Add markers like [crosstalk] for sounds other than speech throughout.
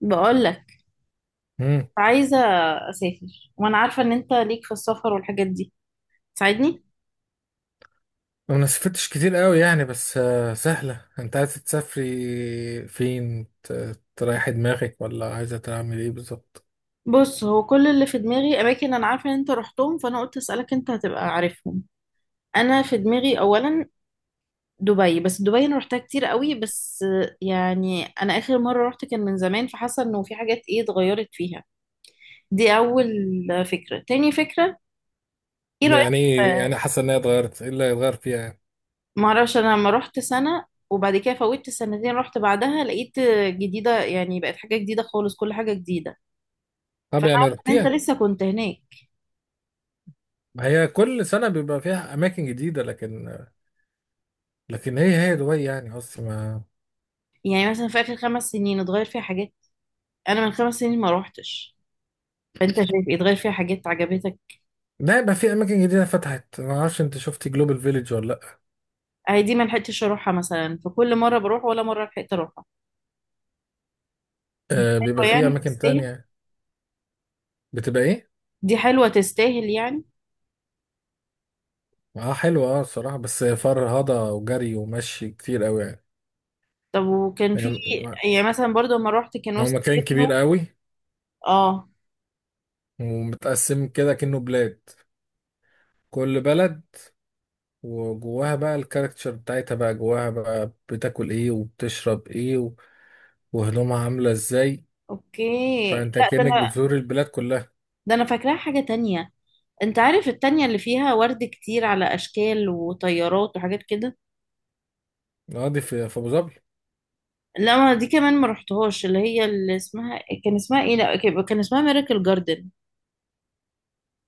بقول لك، امم عايزة أسافر وأنا عارفة إن أنت ليك في السفر والحاجات دي. تساعدني. ما سافرتش كتير قوي يعني، بس سهلة. انت عايزة تسافري فين؟ تريحي دماغك ولا عايزة تعمل ايه بالظبط؟ بص، هو كل اللي في دماغي أماكن أنا عارفة إن أنت رحتهم، فأنا قلت أسألك. أنت هتبقى عارفهم. أنا في دماغي أولا دبي، بس دبي أنا رحتها كتير قوي. بس يعني أنا آخر مرة رحت كان من زمان، فحاسة إنه في حاجات إيه اتغيرت فيها. دي أول فكرة. تاني فكرة، إيه رأيك؟ يعني ايه آه، يعني حاسة انها اتغيرت؟ ايه اللي هيتغير فيها يعني؟ معرفش. أنا لما رحت سنة وبعد كده فوتت سنتين رحت بعدها لقيت جديدة، يعني بقت حاجة جديدة خالص، كل حاجة جديدة. طب فانا يعني عارفه ان انت رحتيها؟ لسه كنت هناك. ما هي كل سنة بيبقى فيها أماكن جديدة، لكن هي دبي يعني، قصدي ما. يعني مثلا في اخر 5 سنين اتغير فيها حاجات. انا من 5 سنين ما روحتش. فانت شايف إيه؟ اتغير فيها حاجات عجبتك؟ لا، يبقى في أماكن جديدة فتحت. ما أعرفش أنت شفتي جلوبال فيليج ولا لأ؟ هي دي ما لحقتش اروحها مثلا، فكل مره بروح ولا مره لحقت اروحها. آه، بيبقى حلوة في يعني؟ أماكن تستاهل؟ تانية. بتبقى إيه؟ دي حلوه تستاهل يعني. أه حلوة، أه الصراحة، بس فرهضة وجري ومشي كتير أوي يعني. طب وكان في، يعني يعني مثلا برضو لما روحت كان هو وسط مكان كبير ابنه. قوي، اه. ومتقسم كده كأنه بلاد، كل بلد وجواها بقى الكاركتشر بتاعتها، بقى جواها بقى بتاكل ايه وبتشرب ايه وهدومها عاملة ازاي. اوكي. فانت لا، ده كأنك انا بتزور البلاد كلها. ده انا فاكراها حاجه تانية. انت عارف التانية اللي فيها ورد كتير على اشكال وطيارات وحاجات كده. اه دي في ابو ظبي. لا ما دي كمان ما رحتهاش، اللي هي اللي اسمها، كان اسمها ايه؟ لا كان اسمها ميراكل جاردن.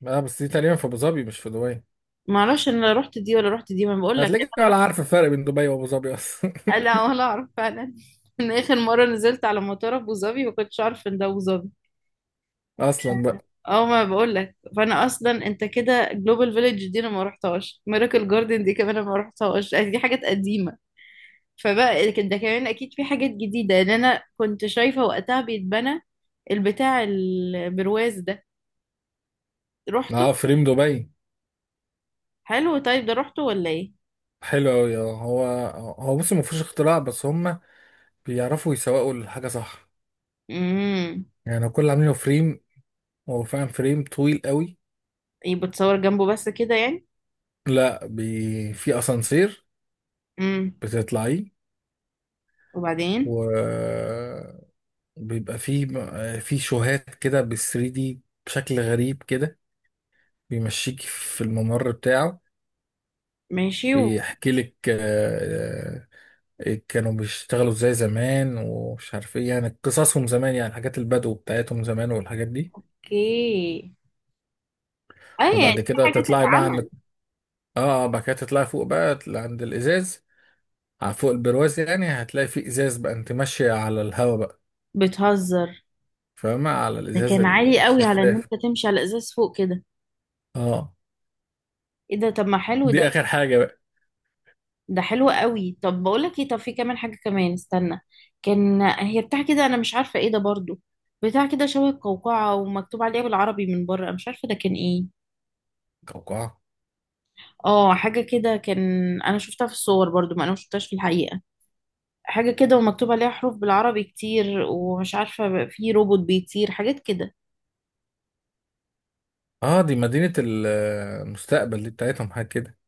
اه بس دي تقريبا في ابو ظبي مش في دبي. ما اعرفش انا رحت دي ولا رحت دي، ما بقول لك هتلاقيك انا ولا رحت. عارف الفرق بين دبي وابو ظبي اصلا. آه، لا ولا اعرف فعلا. [laughs] من اخر مره نزلت على مطار ابو ظبي ما كنتش اعرف ان ده ابو ظبي. [laughs] اصلا بقى. اه ما بقول لك، فانا اصلا انت كده، جلوبال فيليج دي انا ما رحتهاش، ميراكل جاردن دي كمان انا ما رحتهاش، دي حاجات قديمه. فبقى كده ده كمان اكيد في حاجات جديده لان انا كنت شايفه وقتها بيتبنى. البتاع البرواز ده رحته؟ اه فريم دبي. حلو. طيب ده رحته ولا ايه؟ حلو قوي اه. هو هو بص ما فيهوش اختراع، بس هم بيعرفوا يسوقوا الحاجة صح. امم. يعني كل اللي عاملينه فريم، هو فعلا فريم طويل قوي. ايه بتصور جنبه بس كده يعني؟ لا في اسانسير امم. بتطلعيه، وبعدين؟ وبيبقى فيه، في شوهات كده بال 3 دي بشكل غريب كده، بيمشيك في الممر بتاعه، ماشي. بيحكي لك. كانوا بيشتغلوا ازاي زمان، ومش عارف ايه، يعني قصصهم زمان، يعني حاجات البدو بتاعتهم زمان والحاجات دي. اوكي. اه يعني وبعد في كده حاجة تطلعي بقى عند، تتعمل. بعد كده تطلعي فوق بقى عند الازاز، على فوق البرواز يعني. هتلاقي فيه ازاز بقى، انت ماشيه على الهواء بقى، بتهزر. فاهمة؟ على ده الإزاز كان عالي قوي على ان الشفاف. انت تمشي على ازاز فوق كده. اه ايه ده؟ طب ما حلو ده. دي آخر حاجة بقى. ده حلو قوي. طب بقول لك ايه، طب في كمان حاجة كمان، استنى. كان هي بتاع كده، انا مش عارفة ايه ده برضو، بتاع كده شبه القوقعة ومكتوب عليها بالعربي من بره، مش عارفة ده كان ايه. قوقعة؟ اه حاجة كده كان. انا شفتها في الصور برضو، ما انا مشفتهاش في الحقيقة. حاجة كده ومكتوب عليها حروف بالعربي كتير ومش عارفة. في روبوت بيطير، حاجات كده. اه دي مدينة المستقبل دي، بتاعتهم حاجة كده.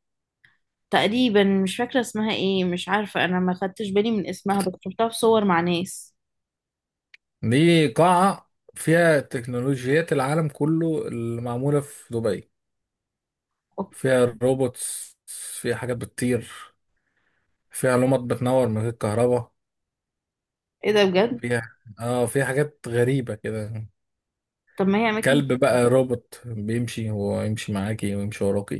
تقريبا مش فاكرة اسمها ايه، مش عارفة، انا ما خدتش بالي من اسمها بس شفتها في صور مع ناس. دي قاعة فيها تكنولوجيات العالم كله اللي معمولة في دبي. أوه. فيها روبوتس، فيها حاجات بتطير، فيها لمبات بتنور من غير كهرباء، ايه ده بجد؟ فيها اه فيها حاجات غريبة كده. طب ما هي اماكن. كلب بقى روبوت بيمشي، ويمشي معاكي، ويمشي وراكي.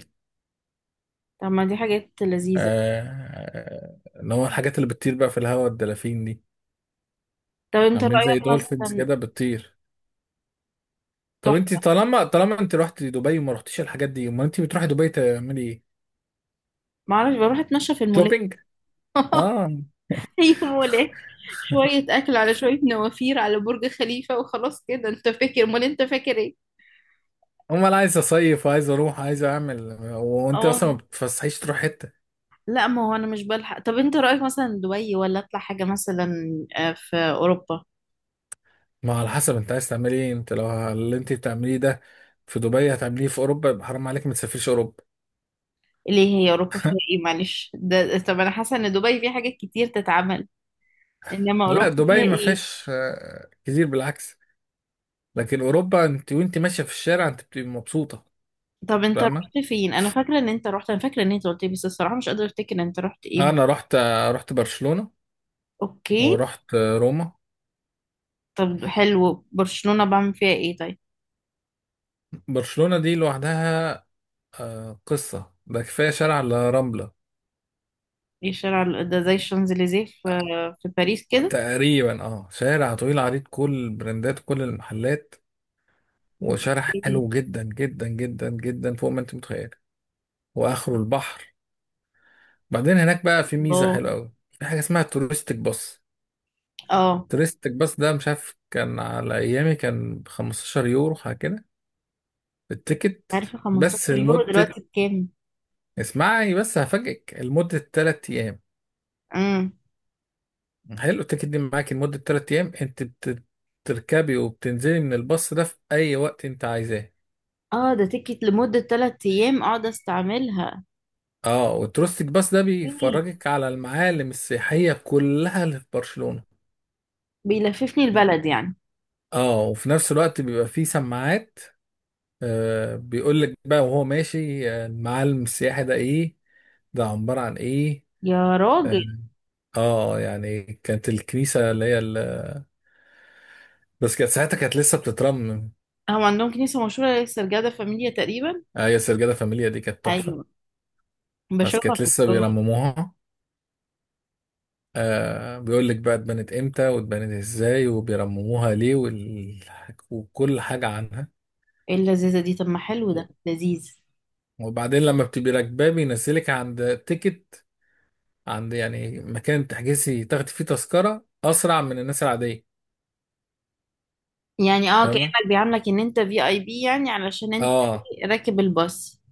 طب ما دي حاجات لذيذة. آه، اللي هو الحاجات اللي بتطير بقى في الهواء، الدلافين دي، طب انت عاملين زي رأيك دولفينز مثلا؟ كده بتطير. طب انت، تحفة. طالما انت رحت دبي وما رحتيش الحاجات دي، امال انت بتروحي دبي تعملي ايه؟ معرفش، بروح اتمشى في المولات. شوبينج؟ اه، [laughs] هي مولات، شوية اكل على شوية نوافير على برج خليفة وخلاص كده. انت فاكر، امال انت فاكر ايه؟ امال عايز اصيف، عايز اروح، عايز اعمل. وانت اه. اصلا ما بتفسحيش تروح حته. لا ما هو انا مش بلحق. طب انت رأيك مثلا دبي ولا اطلع حاجة مثلا في اوروبا؟ ما على حسب انت عايز تعملي ايه. انت لو اللي انت بتعمليه ده في دبي هتعمليه في اوروبا، يبقى حرام عليك ما تسافريش اوروبا. ليه؟ هي اوروبا فيها ايه؟ معلش ده، طب انا حاسة ان دبي فيها حاجات كتير تتعمل، انما لا اوروبا فيها دبي ما ايه؟ فيهاش كتير، بالعكس. لكن اوروبا انت وانت ماشيه في الشارع انت بتبقي مبسوطه. طب انت فاهمه؟ رحت فين؟ انا فاكرة ان انت رحت، انا فاكرة ان انت قلت لي، بس الصراحة مش قادرة افتكر انت رحت انا ايه. رحت برشلونه اوكي. ورحت روما. طب حلو، برشلونة بعمل فيها ايه طيب؟ برشلونة دي لوحدها قصة. ده كفاية شارع الرملة. ايه الشارع ده زي الشانزليزيه في باريس كده؟ تقريبا اه شارع طويل عريض، كل البراندات، كل المحلات، وشارع اوكي. حلو جدا جدا جدا جدا، فوق ما انت متخيل. واخره البحر. بعدين هناك بقى في ميزة الله. حلوة قوي، في حاجة اسمها توريستيك باص. اه توريستيك باص ده، مش عارف كان على ايامي كان ب 15 يورو حاجة كده، التيكت، عارفة 15 بس يورو لمدة، دلوقتي بكام؟ اسمعي بس هفاجئك، لمدة 3 ايام. امم. حلو. التيكت دي معاكي لمدة تلات أيام، أنت بتركبي وبتنزلي من الباص ده في أي وقت أنت عايزاه. اه ده تيكت لمدة 3 أيام اقعد استعملها. اه، وتروستيك باص ده إيه. بيفرجك على المعالم السياحية كلها اللي في برشلونة. بيلففني البلد يعني؟ اه، وفي نفس الوقت بيبقى فيه سماعات، آه بيقول لك بقى وهو ماشي، المعالم السياحي ده ايه، ده عبارة عن ايه. يا راجل. اه يعني كانت الكنيسة اللي هي ال... بس كانت ساعتها كانت لسه بتترمم. هو عندهم كنيسة مشهورة السرجادة فاميليا تقريبا؟ آه يا سرجادة فاميليا دي كانت تحفة، أيوة. بس بشوفها كانت في لسه الصور. بيرمموها. آه بيقول لك بقى، اتبنت امتى، واتبنت ازاي، وبيرمموها ليه، وال... وكل حاجة عنها. ايه اللذيذة دي؟ طب ما حلو ده. لذيذ. وبعدين لما بتبقي راكباه بينزلك عند تيكت، عند يعني مكان تحجزي تاخدي فيه تذكرة أسرع من الناس العادية. يعني اه فاهمة؟ كأنك بيعاملك ان انت في اي بي، يعني علشان انت اه راكب الباص.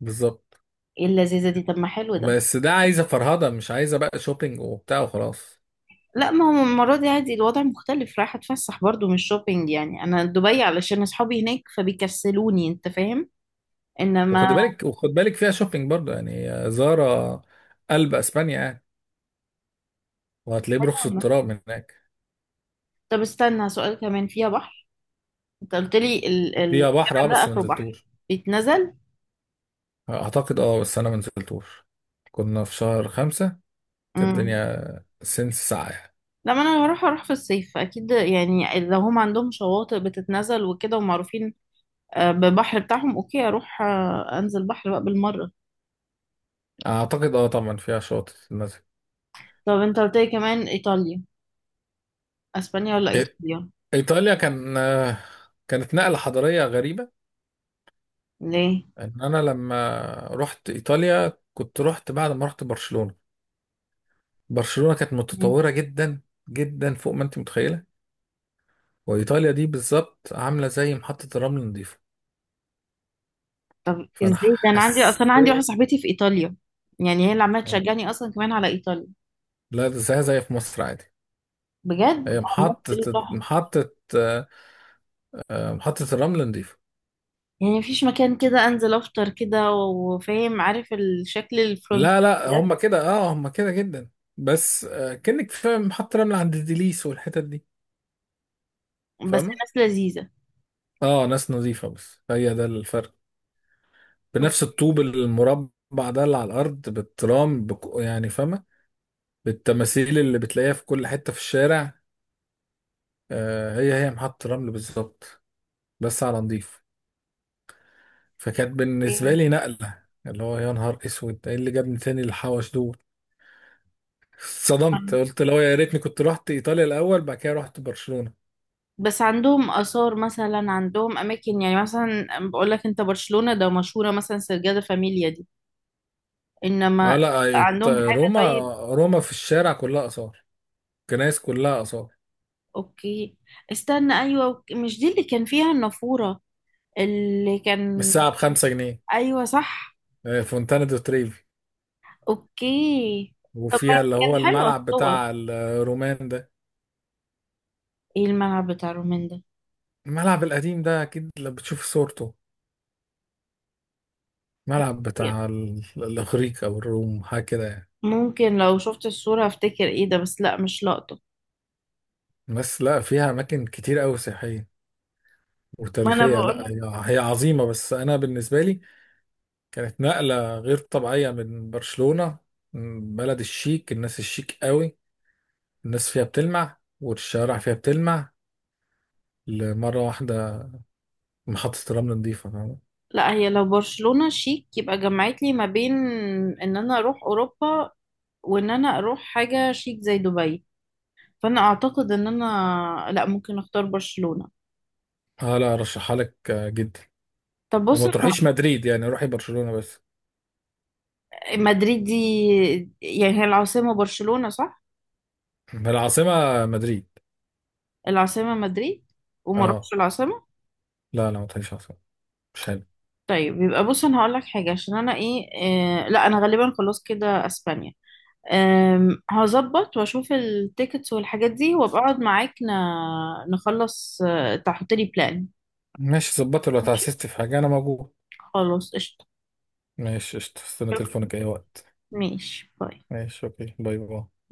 بالظبط. ايه اللذيذة دي؟ طب ما حلو ده. بس ده عايزة فرهضة، مش عايزة بقى شوبينج وبتاع وخلاص. لا ما هو المرة دي عادي، الوضع مختلف، رايحة اتفسح برضو مش شوبينج. يعني انا دبي علشان اصحابي هناك فبيكسلوني، انت فاهم. وخد انما. بالك، وخد بالك فيها شوبينج برضه يعني، زارة، قلب اسبانيا يعني، وهتلاقيه برخص التراب هناك. طب استنى، سؤال كمان، فيها بحر؟ انت قلت لي ال ال فيها بحر اه، الجبل ده بس ما اخره بحر، نزلتوش. بيتنزل؟ اعتقد اه، بس انا منزلتوش. كنا في شهر خمسة، كانت امم. الدنيا سنس ساعة يعني. لما انا هروح في الصيف اكيد، يعني لو هم عندهم شواطئ بتتنزل وكده ومعروفين ببحر بتاعهم، اوكي اروح، انزل بحر بقى بالمره. اعتقد اه، طبعا فيها شواطئ المسجد. طب انت قلت لي كمان ايطاليا، اسبانيا ولا ايطاليا؟ ايطاليا كان كانت نقلة حضارية غريبة. ليه؟ ان انا لما رحت ايطاليا كنت رحت بعد ما رحت برشلونة. برشلونة كانت مم. متطورة جدا جدا، فوق ما انت متخيلة. وايطاليا دي بالظبط عاملة زي محطة الرمل نظيفة. فانا ازاي ده؟ انا عندي اصلا انا عندي حسيت، واحده صاحبتي في ايطاليا، يعني هي اللي عماله تشجعني اصلا كمان على ايطاليا. لا زي في مصر عادي. بجد؟ هي عماله محطة، تقول لي تحفة. محطة محطة الرمل نضيفة. يعني مفيش مكان كده انزل افطر كده وفاهم، عارف الشكل الفرنسي لا لا، ده؟ هم كده اه، هم كده جدا، بس كأنك فاهم محطة رمل عند ديليس والحتت دي، بس فاهمة؟ ناس لذيذة. اه، ناس نظيفة، بس هي ده الفرق. بنفس الطوب المربع ده اللي على الأرض، بالترام يعني فاهمة، بالتماثيل اللي بتلاقيها في كل حتة في الشارع. هي محطة رمل بالظبط، بس على نضيف. فكانت بالنسبة اوكي. لي نقلة، اللي هو يا نهار اسود ايه اللي جابني تاني الحوش دول. [laughs] اتصدمت، قلت لو يا ريتني كنت رحت ايطاليا الاول بعد كده رحت برشلونة. بس عندهم آثار مثلا، عندهم أماكن، يعني مثلا بقول لك، أنت برشلونة ده مشهورة مثلا سرجادة فاميليا دي، إنما ما لا عندهم حاجة روما، طيب؟ روما في الشارع كلها آثار، كنايس كلها آثار. أوكي، استنى. أيوة، أوكي. مش دي اللي كان فيها النافورة اللي كان؟ بالساعة بخمسة جنيه. أيوة صح. فونتانا دو تريفي. أوكي. طب ما وفيها اللي كان هو حلو الملعب الصور. بتاع الرومان ده. إيه الملعب بتاع رومين ده؟ الملعب القديم ده أكيد لو بتشوف صورته، ملعب بتاع الإغريق أو الروم حاجة كده يعني. ممكن لو شفت الصورة افتكر، ايه ده؟ بس لا مش لقطة. بس لا فيها أماكن كتير أوي سياحية ما انا وتاريخية. بقول لا لك. هي عظيمة، بس أنا بالنسبة لي كانت نقلة غير طبيعية من برشلونة، من بلد الشيك، الناس الشيك قوي، الناس فيها بتلمع والشوارع فيها بتلمع. لمرة واحدة محطة الرمل نظيفة، فاهم؟ لا هي لو برشلونة شيك يبقى جمعت لي ما بين ان انا اروح اوروبا وان انا اروح حاجة شيك زي دبي، فانا اعتقد ان انا لا ممكن اختار برشلونة. اه لا ارشحها لك جدا. طب بص، وما تروحيش مدريد يعني، روحي برشلونة بس. مدريد دي يعني هي العاصمة، برشلونة صح؟ العاصمة مدريد. العاصمة مدريد؟ وما اروحش اه العاصمة؟ لا لا، ما تروحيش عاصمة، مش حلو. طيب، يبقى بص انا هقول لك حاجة عشان انا ايه, لا انا غالبا خلاص كده اسبانيا. هظبط واشوف التيكتس والحاجات دي وابقى اقعد معاك نخلص، تحط لي بلان. ماشي، ظبطي لو ماشي. تعسست في حاجة انا موجود. خلاص قشطة. ماشي قشطة. استنى شكرا. تليفونك اي وقت. ماشي باي. ماشي اوكي، باي باي.